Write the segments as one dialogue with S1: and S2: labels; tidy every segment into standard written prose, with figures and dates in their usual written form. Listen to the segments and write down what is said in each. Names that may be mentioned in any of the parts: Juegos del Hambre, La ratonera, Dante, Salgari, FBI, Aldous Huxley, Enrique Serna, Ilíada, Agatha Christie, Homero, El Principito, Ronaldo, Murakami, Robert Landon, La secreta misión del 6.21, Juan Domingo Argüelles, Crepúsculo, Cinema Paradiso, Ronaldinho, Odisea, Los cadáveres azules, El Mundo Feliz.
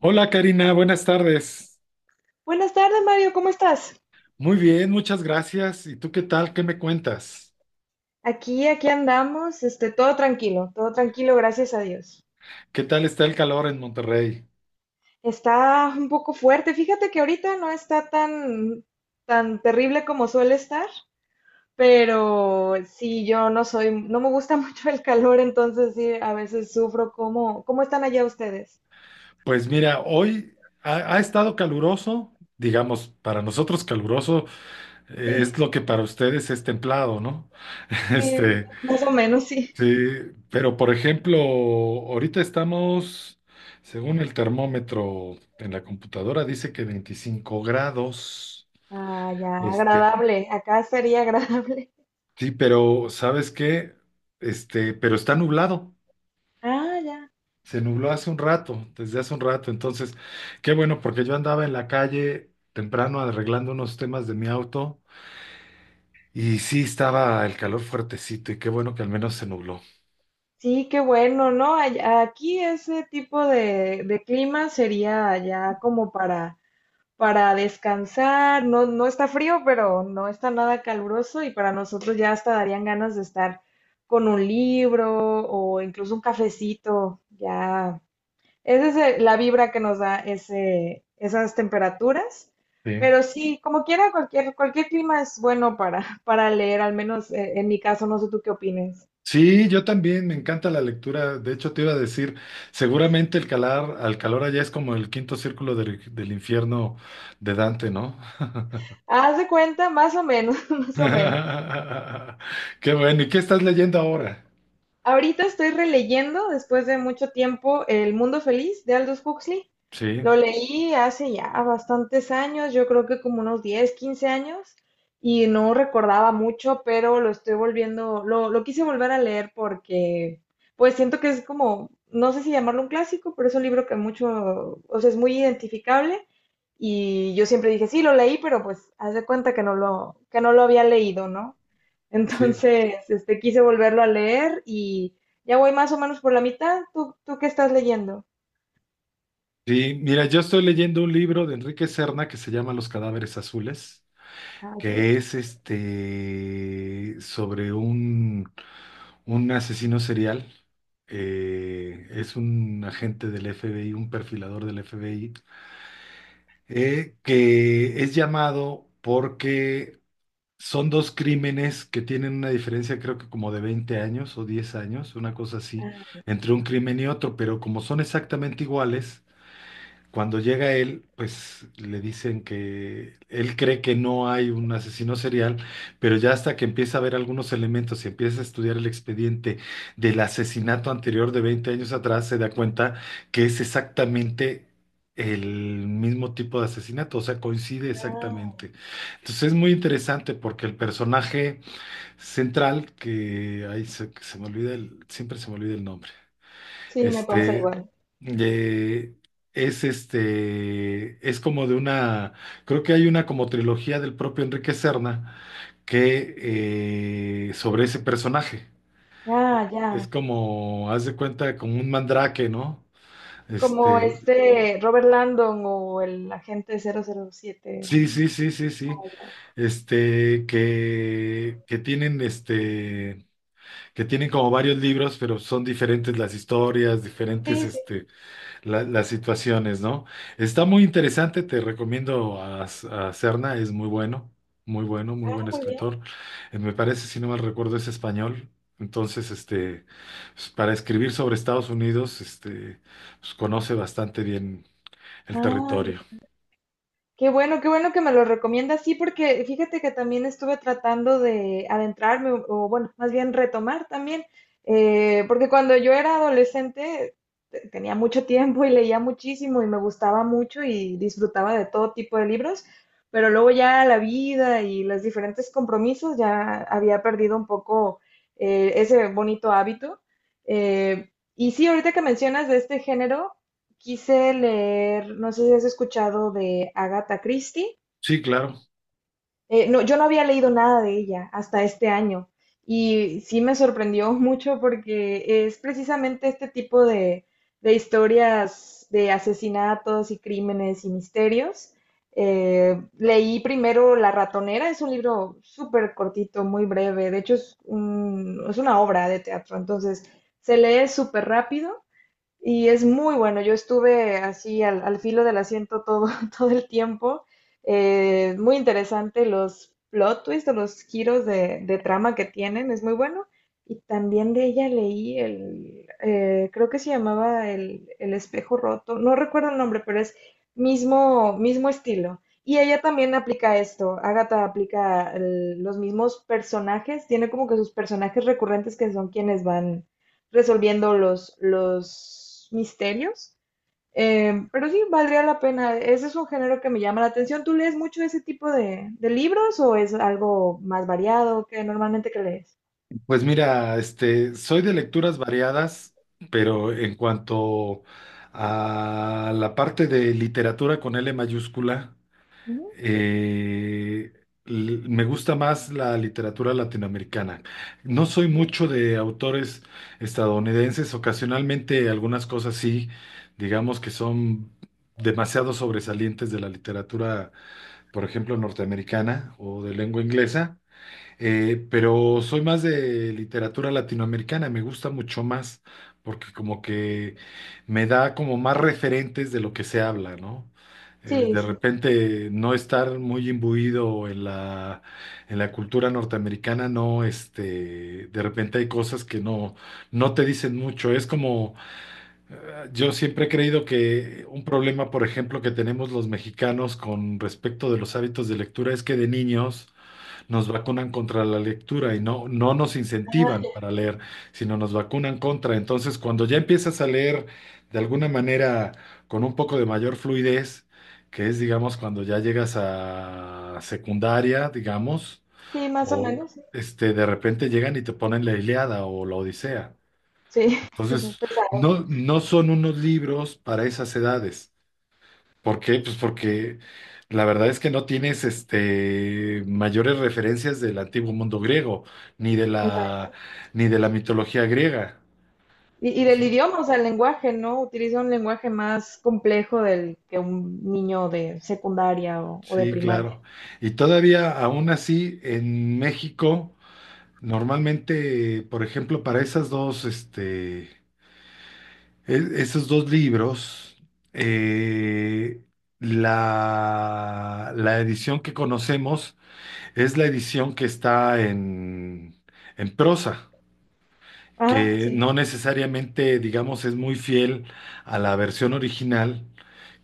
S1: Hola Karina, buenas tardes.
S2: Buenas tardes, Mario, ¿cómo estás?
S1: Muy bien, muchas gracias. ¿Y tú qué tal? ¿Qué me cuentas?
S2: Aquí andamos, todo tranquilo, gracias a Dios.
S1: ¿Qué tal está el calor en Monterrey?
S2: Está un poco fuerte, fíjate que ahorita no está tan terrible como suele estar, pero sí, yo no soy, no me gusta mucho el calor, entonces sí, a veces sufro. ¿Cómo están allá ustedes?
S1: Pues mira, hoy ha estado caluroso, digamos, para nosotros caluroso
S2: Sí,
S1: es lo que para ustedes es templado, ¿no?
S2: sí,
S1: Este,
S2: más o menos, sí.
S1: sí, pero por ejemplo, ahorita estamos, según el termómetro en la computadora, dice que 25 grados.
S2: Ah, ya,
S1: Este,
S2: agradable, acá sería agradable.
S1: Sí, pero ¿sabes qué? Pero está nublado.
S2: Ah, ya.
S1: Se nubló hace un rato, desde hace un rato. Entonces, qué bueno, porque yo andaba en la calle temprano arreglando unos temas de mi auto y sí estaba el calor fuertecito y qué bueno que al menos se nubló.
S2: Sí, qué bueno, ¿no? Aquí ese tipo de clima sería ya como para descansar, no, no está frío, pero no está nada caluroso y para nosotros ya hasta darían ganas de estar con un libro o incluso un cafecito, ya. Esa es la vibra que nos da esas temperaturas,
S1: Sí.
S2: pero sí, como quiera, cualquier clima es bueno para, para leer, al menos en mi caso, no sé tú qué opines.
S1: Sí, yo también me encanta la lectura. De hecho, te iba a decir, seguramente al calor allá es como el quinto círculo del infierno de Dante, ¿no?
S2: Haz de cuenta, más o menos, más o menos.
S1: Qué bueno. ¿Y qué estás leyendo ahora?
S2: Ahorita estoy releyendo, después de mucho tiempo, El Mundo Feliz de Aldous Huxley.
S1: Sí,
S2: Lo leí hace ya bastantes años, yo creo que como unos 10, 15 años, y no recordaba mucho, pero lo estoy volviendo, lo quise volver a leer porque, pues siento que es como, no sé si llamarlo un clásico, pero es un libro que mucho, o sea, es muy identificable. Y yo siempre dije, sí, lo leí, pero pues haz de cuenta que no lo había leído, ¿no?
S1: sí.
S2: Entonces, quise volverlo a leer y ya voy más o menos por la mitad. ¿Tú qué estás leyendo?
S1: Sí, mira, yo estoy leyendo un libro de Enrique Serna que se llama Los cadáveres azules,
S2: Ah, ok.
S1: que es sobre un asesino serial. Es un agente del FBI, un perfilador del FBI, que es llamado porque son dos crímenes que tienen una diferencia, creo que como de 20 años o 10 años, una cosa así, entre un crimen y otro, pero como son exactamente iguales cuando llega él, pues le dicen que él cree que no hay un asesino serial, pero ya hasta que empieza a ver algunos elementos y empieza a estudiar el expediente del asesinato anterior de 20 años atrás, se da cuenta que es exactamente el mismo tipo de asesinato, o sea, coincide
S2: Ah.
S1: exactamente. Entonces es muy interesante porque el personaje central, que ahí se me olvida siempre se me olvida el nombre.
S2: Sí, me pasa
S1: Este,
S2: igual.
S1: de- es es como de una, creo que hay una como trilogía del propio Enrique Serna que sobre ese personaje.
S2: Ah,
S1: Es
S2: ya.
S1: como, haz de cuenta, como un mandrake, ¿no?
S2: Como
S1: Este,
S2: este Robert Landon o el agente 007.
S1: sí, sí, sí, sí, sí. Que tienen que tienen como varios libros, pero son diferentes las historias, diferentes,
S2: Sí, sí,
S1: las situaciones, ¿no? Está muy interesante, te recomiendo a Serna, es muy bueno, muy bueno, muy
S2: ah,
S1: buen
S2: muy bien.
S1: escritor. Me parece, si no mal recuerdo, es español. Entonces, pues, para escribir sobre Estados Unidos, pues, conoce bastante bien el
S2: Ah,
S1: territorio.
S2: qué bueno, qué bueno que me lo recomiendas, sí, porque fíjate que también estuve tratando de adentrarme, o bueno, más bien retomar también, porque cuando yo era adolescente tenía mucho tiempo y leía muchísimo y me gustaba mucho y disfrutaba de todo tipo de libros, pero luego ya la vida y los diferentes compromisos ya había perdido un poco ese bonito hábito. Y sí, ahorita que mencionas de este género, quise leer, no sé si has escuchado de Agatha Christie.
S1: Sí, claro.
S2: No, yo no había leído nada de ella hasta este año y sí me sorprendió mucho porque es precisamente este tipo de historias de asesinatos y crímenes y misterios. Leí primero La ratonera, es un libro súper cortito, muy breve, de hecho es, es una obra de teatro, entonces se lee súper rápido y es muy bueno. Yo estuve así al filo del asiento todo, todo el tiempo. Muy interesante los plot twists o los giros de trama que tienen. Es muy bueno. Y también de ella leí creo que se llamaba el espejo roto. No recuerdo el nombre, pero es mismo, mismo estilo. Y ella también aplica esto. Agatha aplica los mismos personajes. Tiene como que sus personajes recurrentes que son quienes van resolviendo los misterios. Pero sí, valdría la pena. Ese es un género que me llama la atención. ¿Tú lees mucho ese tipo de libros o es algo más variado que normalmente que lees?
S1: Pues mira, soy de lecturas variadas, pero en cuanto a la parte de literatura con L mayúscula,
S2: Ujú,
S1: eh, me gusta más la literatura latinoamericana. No soy
S2: ya.
S1: mucho de autores estadounidenses, ocasionalmente algunas cosas sí, digamos que son demasiado sobresalientes de la literatura, por ejemplo, norteamericana o de lengua inglesa. Pero soy más de literatura latinoamericana, me gusta mucho más porque como que me da como más referentes de lo que se habla, ¿no?
S2: Sí,
S1: De
S2: sí.
S1: repente no estar muy imbuido en la cultura norteamericana, no, de repente hay cosas que no te dicen mucho. Es como, yo siempre he creído que un problema, por ejemplo, que tenemos los mexicanos con respecto de los hábitos de lectura es que de niños nos vacunan contra la lectura y no nos incentivan
S2: Ah,
S1: para leer, sino nos vacunan contra. Entonces, cuando ya empiezas a leer de alguna manera con un poco de mayor fluidez, que es, digamos, cuando ya llegas a secundaria, digamos,
S2: sí, más o
S1: o
S2: menos. Sí,
S1: de repente llegan y te ponen la Ilíada o la Odisea.
S2: sí,
S1: Entonces,
S2: pesado,
S1: no, no son unos libros para esas edades. ¿Por qué? Pues porque la verdad es que no tienes mayores referencias del antiguo mundo griego, ni de
S2: pesado.
S1: la, ni de la mitología griega.
S2: Y
S1: O
S2: del
S1: sea,
S2: idioma, o sea, el lenguaje, ¿no? Utiliza un lenguaje más complejo del que un niño de secundaria o de
S1: sí,
S2: primaria.
S1: claro. Y todavía, aún así, en México, normalmente, por ejemplo, para esas dos, esos dos libros, eh, la edición que conocemos es la edición que está en prosa.
S2: Ah,
S1: Que
S2: sí,
S1: no necesariamente, digamos, es muy fiel a la versión original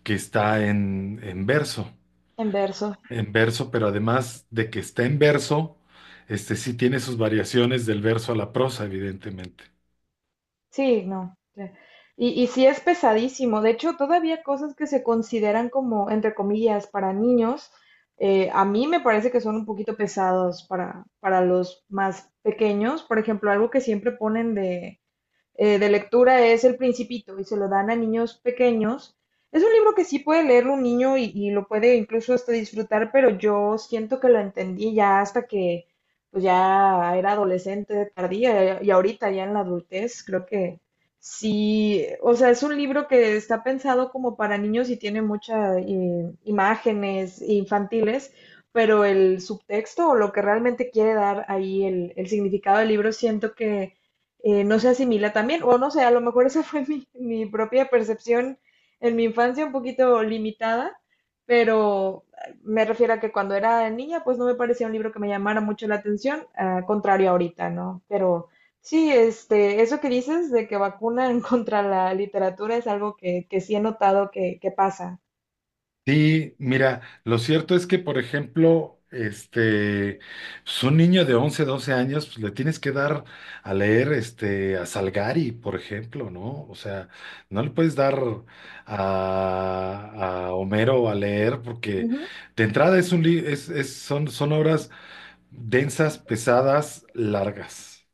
S1: que está en verso,
S2: en verso.
S1: en verso, pero además de que está en verso, este sí tiene sus variaciones del verso a la prosa, evidentemente.
S2: Sí, no. Ya. Y sí es pesadísimo. De hecho, todavía cosas que se consideran como, entre comillas, para niños, a mí me parece que son un poquito pesados para los más pequeños. Por ejemplo, algo que siempre ponen de lectura es El Principito y se lo dan a niños pequeños. Es un libro que sí puede leerlo un niño y lo puede incluso hasta disfrutar, pero yo siento que lo entendí ya hasta que pues ya era adolescente tardía y ahorita ya en la adultez creo que sí, o sea, es un libro que está pensado como para niños y tiene muchas imágenes infantiles, pero el subtexto o lo que realmente quiere dar ahí el significado del libro siento que no se asimila también, o no sé, a lo mejor esa fue mi propia percepción en mi infancia un poquito limitada, pero me refiero a que cuando era niña, pues no me parecía un libro que me llamara mucho la atención, a contrario ahorita, ¿no? Pero sí, eso que dices de que vacunan contra la literatura es algo que sí he notado que pasa.
S1: Sí, mira, lo cierto es que, por ejemplo, pues un niño de 11, 12 años, pues le tienes que dar a leer, a Salgari, por ejemplo, ¿no? O sea, no le puedes dar a, a Homero a leer porque
S2: Ujú,
S1: de entrada es un li- es- son, son obras densas, pesadas, largas,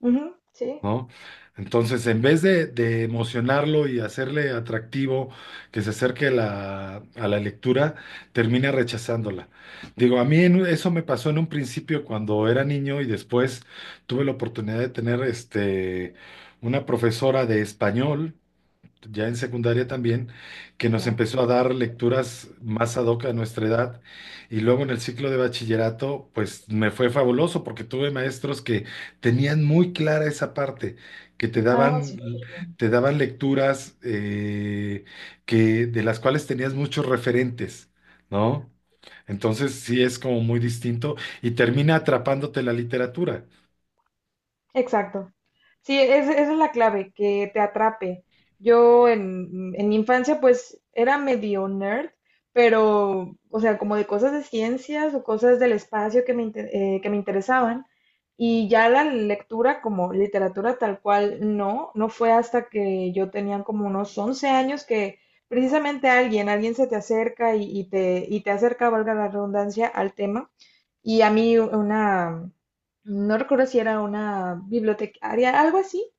S2: ujú, sí,
S1: ¿no? Entonces, en vez de, emocionarlo y hacerle atractivo que se acerque a la lectura, termina rechazándola. Digo, a mí eso me pasó en un principio cuando era niño y después tuve la oportunidad de tener una profesora de español ya en secundaria también, que nos
S2: ya.
S1: empezó a dar lecturas más ad hoc a nuestra edad. Y luego en el ciclo de bachillerato, pues me fue fabuloso porque tuve maestros que tenían muy clara esa parte, que te
S2: Ah,
S1: daban,
S2: sí.
S1: te daban lecturas que, de las cuales tenías muchos referentes, ¿no? Entonces sí es como muy distinto y termina atrapándote la literatura,
S2: Exacto. Sí, esa es la clave, que te atrape. Yo en mi infancia pues era medio nerd, pero, o sea, como de cosas de ciencias o cosas del espacio que me interesaban. Y ya la lectura como literatura tal cual, no, no fue hasta que yo tenía como unos 11 años que precisamente alguien se te acerca y te acerca, valga la redundancia, al tema. Y a mí una, no recuerdo si era una bibliotecaria, algo así,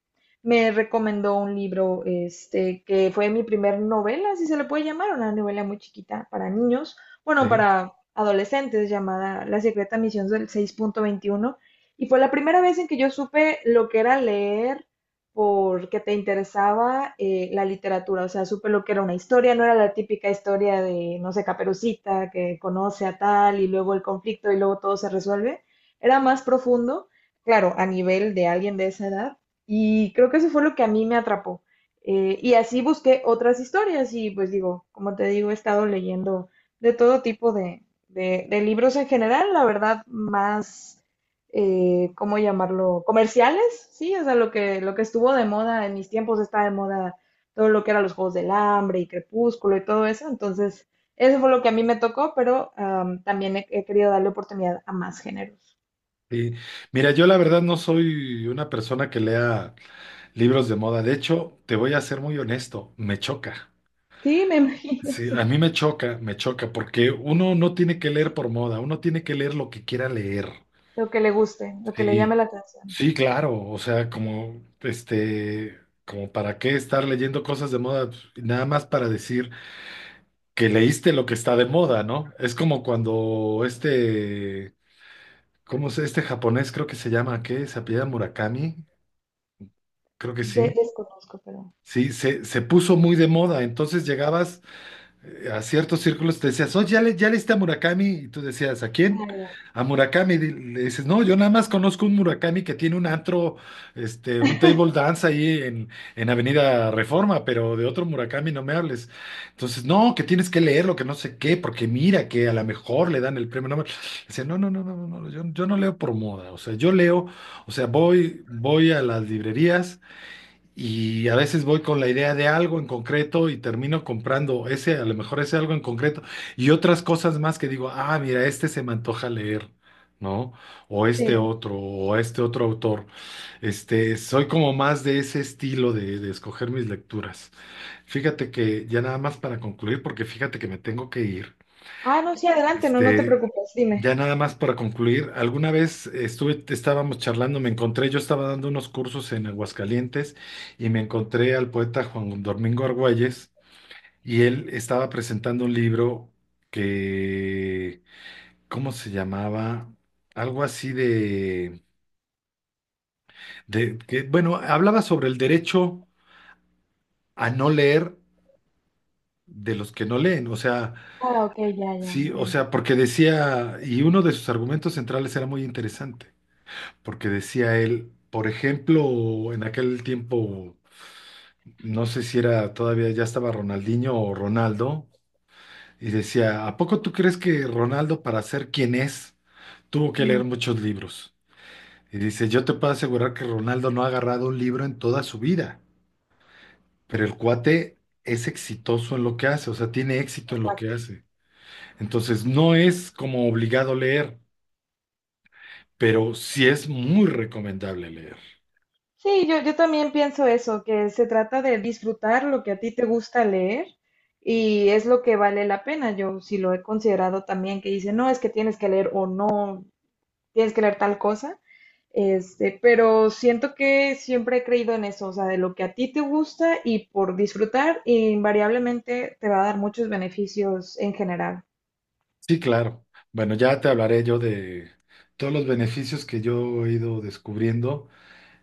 S2: me recomendó un libro, que fue mi primer novela, si se le puede llamar, una novela muy chiquita para niños, bueno,
S1: ¿sí?
S2: para adolescentes, llamada La secreta misión del 6.21, y fue la primera vez en que yo supe lo que era leer porque te interesaba la literatura, o sea, supe lo que era una historia, no era la típica historia de, no sé, Caperucita, que conoce a tal y luego el conflicto y luego todo se resuelve, era más profundo, claro, a nivel de alguien de esa edad, y creo que eso fue lo que a mí me atrapó. Y así busqué otras historias y pues digo, como te digo, he estado leyendo de todo tipo de libros en general, la verdad, más, ¿cómo llamarlo? Comerciales, sí, o sea, lo que estuvo de moda en mis tiempos está de moda todo lo que eran los Juegos del Hambre y Crepúsculo y todo eso, entonces eso fue lo que a mí me tocó, pero también he querido darle oportunidad a más géneros.
S1: Sí. Mira, yo la verdad no soy una persona que lea libros de moda. De hecho, te voy a ser muy honesto, me choca.
S2: Sí, me imagino,
S1: Sí, a
S2: sí.
S1: mí me choca, porque uno no tiene que leer por moda, uno tiene que leer lo que quiera leer.
S2: Lo que le guste, lo que le llame
S1: Sí,
S2: la atención.
S1: sí, claro. O sea, como, como para qué estar leyendo cosas de moda. Pues, nada más para decir que leíste lo que está de moda, ¿no? Es como cuando ¿cómo es este japonés? Creo que se llama, ¿qué? ¿Se apellida Murakami? Creo que sí.
S2: Desconozco, pero.
S1: Sí, se puso muy de moda. Entonces llegabas a ciertos círculos, te decías, oye, ya, ya leíste a Murakami. Y tú decías, ¿a
S2: Ah,
S1: quién?
S2: ya.
S1: A Murakami. Le dices, no, yo nada más conozco un Murakami que tiene un antro, un table dance ahí en, Avenida Reforma, pero de otro Murakami no me hables. Entonces, no, que tienes que leerlo, que no sé qué, porque mira que a lo mejor le dan el premio Nobel. Dice, no, no, no, no, no, no, yo no leo por moda. O sea, yo leo, o sea, voy a las librerías y a veces voy con la idea de algo en concreto y termino comprando ese, a lo mejor ese algo en concreto y otras cosas más que digo, ah, mira, este se me antoja leer, ¿no?
S2: Sí.
S1: O este otro autor. Soy como más de ese estilo de escoger mis lecturas. Fíjate que ya nada más para concluir, porque fíjate que me tengo que ir.
S2: Ah, no, sí, adelante, no, no te
S1: Este,
S2: preocupes, dime.
S1: ya nada más para concluir, alguna vez estábamos charlando, me encontré, yo estaba dando unos cursos en Aguascalientes y me encontré al poeta Juan Domingo Argüelles y él estaba presentando un libro que, ¿cómo se llamaba? Algo así de que, bueno, hablaba sobre el derecho a no leer de los que no leen, o sea,
S2: Ah, ok, ya, ya,
S1: sí,
S2: ya
S1: o sea,
S2: entiendo.
S1: porque decía, y uno de sus argumentos centrales era muy interesante porque decía él, por ejemplo, en aquel tiempo, no sé si era todavía ya estaba Ronaldinho o Ronaldo, y decía, ¿a poco tú crees que Ronaldo para ser quien es tuvo que
S2: Mm,
S1: leer muchos libros? Y dice, yo te puedo asegurar que Ronaldo no ha agarrado un libro en toda su vida, pero el cuate es exitoso en lo que hace, o sea, tiene éxito en lo que
S2: exacto.
S1: hace. Entonces, no es como obligado leer, pero sí es muy recomendable leer.
S2: Sí, yo también pienso eso, que se trata de disfrutar lo que a ti te gusta leer y es lo que vale la pena. Yo sí lo he considerado también, que dice, no, es que tienes que leer o no, tienes que leer tal cosa. Pero siento que siempre he creído en eso, o sea, de lo que a ti te gusta y por disfrutar, invariablemente te va a dar muchos beneficios en general.
S1: Sí, claro. Bueno, ya te hablaré yo de todos los beneficios que yo he ido descubriendo,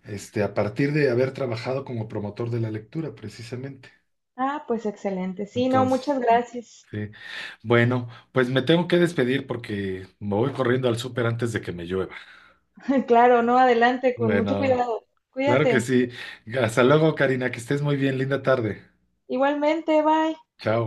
S1: a partir de haber trabajado como promotor de la lectura, precisamente.
S2: Ah, pues excelente. Sí, no,
S1: Entonces,
S2: muchas gracias.
S1: sí. Bueno, pues me tengo que despedir porque me voy corriendo al súper antes de que me llueva.
S2: Claro, no, adelante, con mucho
S1: Bueno,
S2: cuidado.
S1: claro que
S2: Cuídate.
S1: sí. Hasta luego, Karina, que estés muy bien. Linda tarde.
S2: Igualmente, bye.
S1: Chao.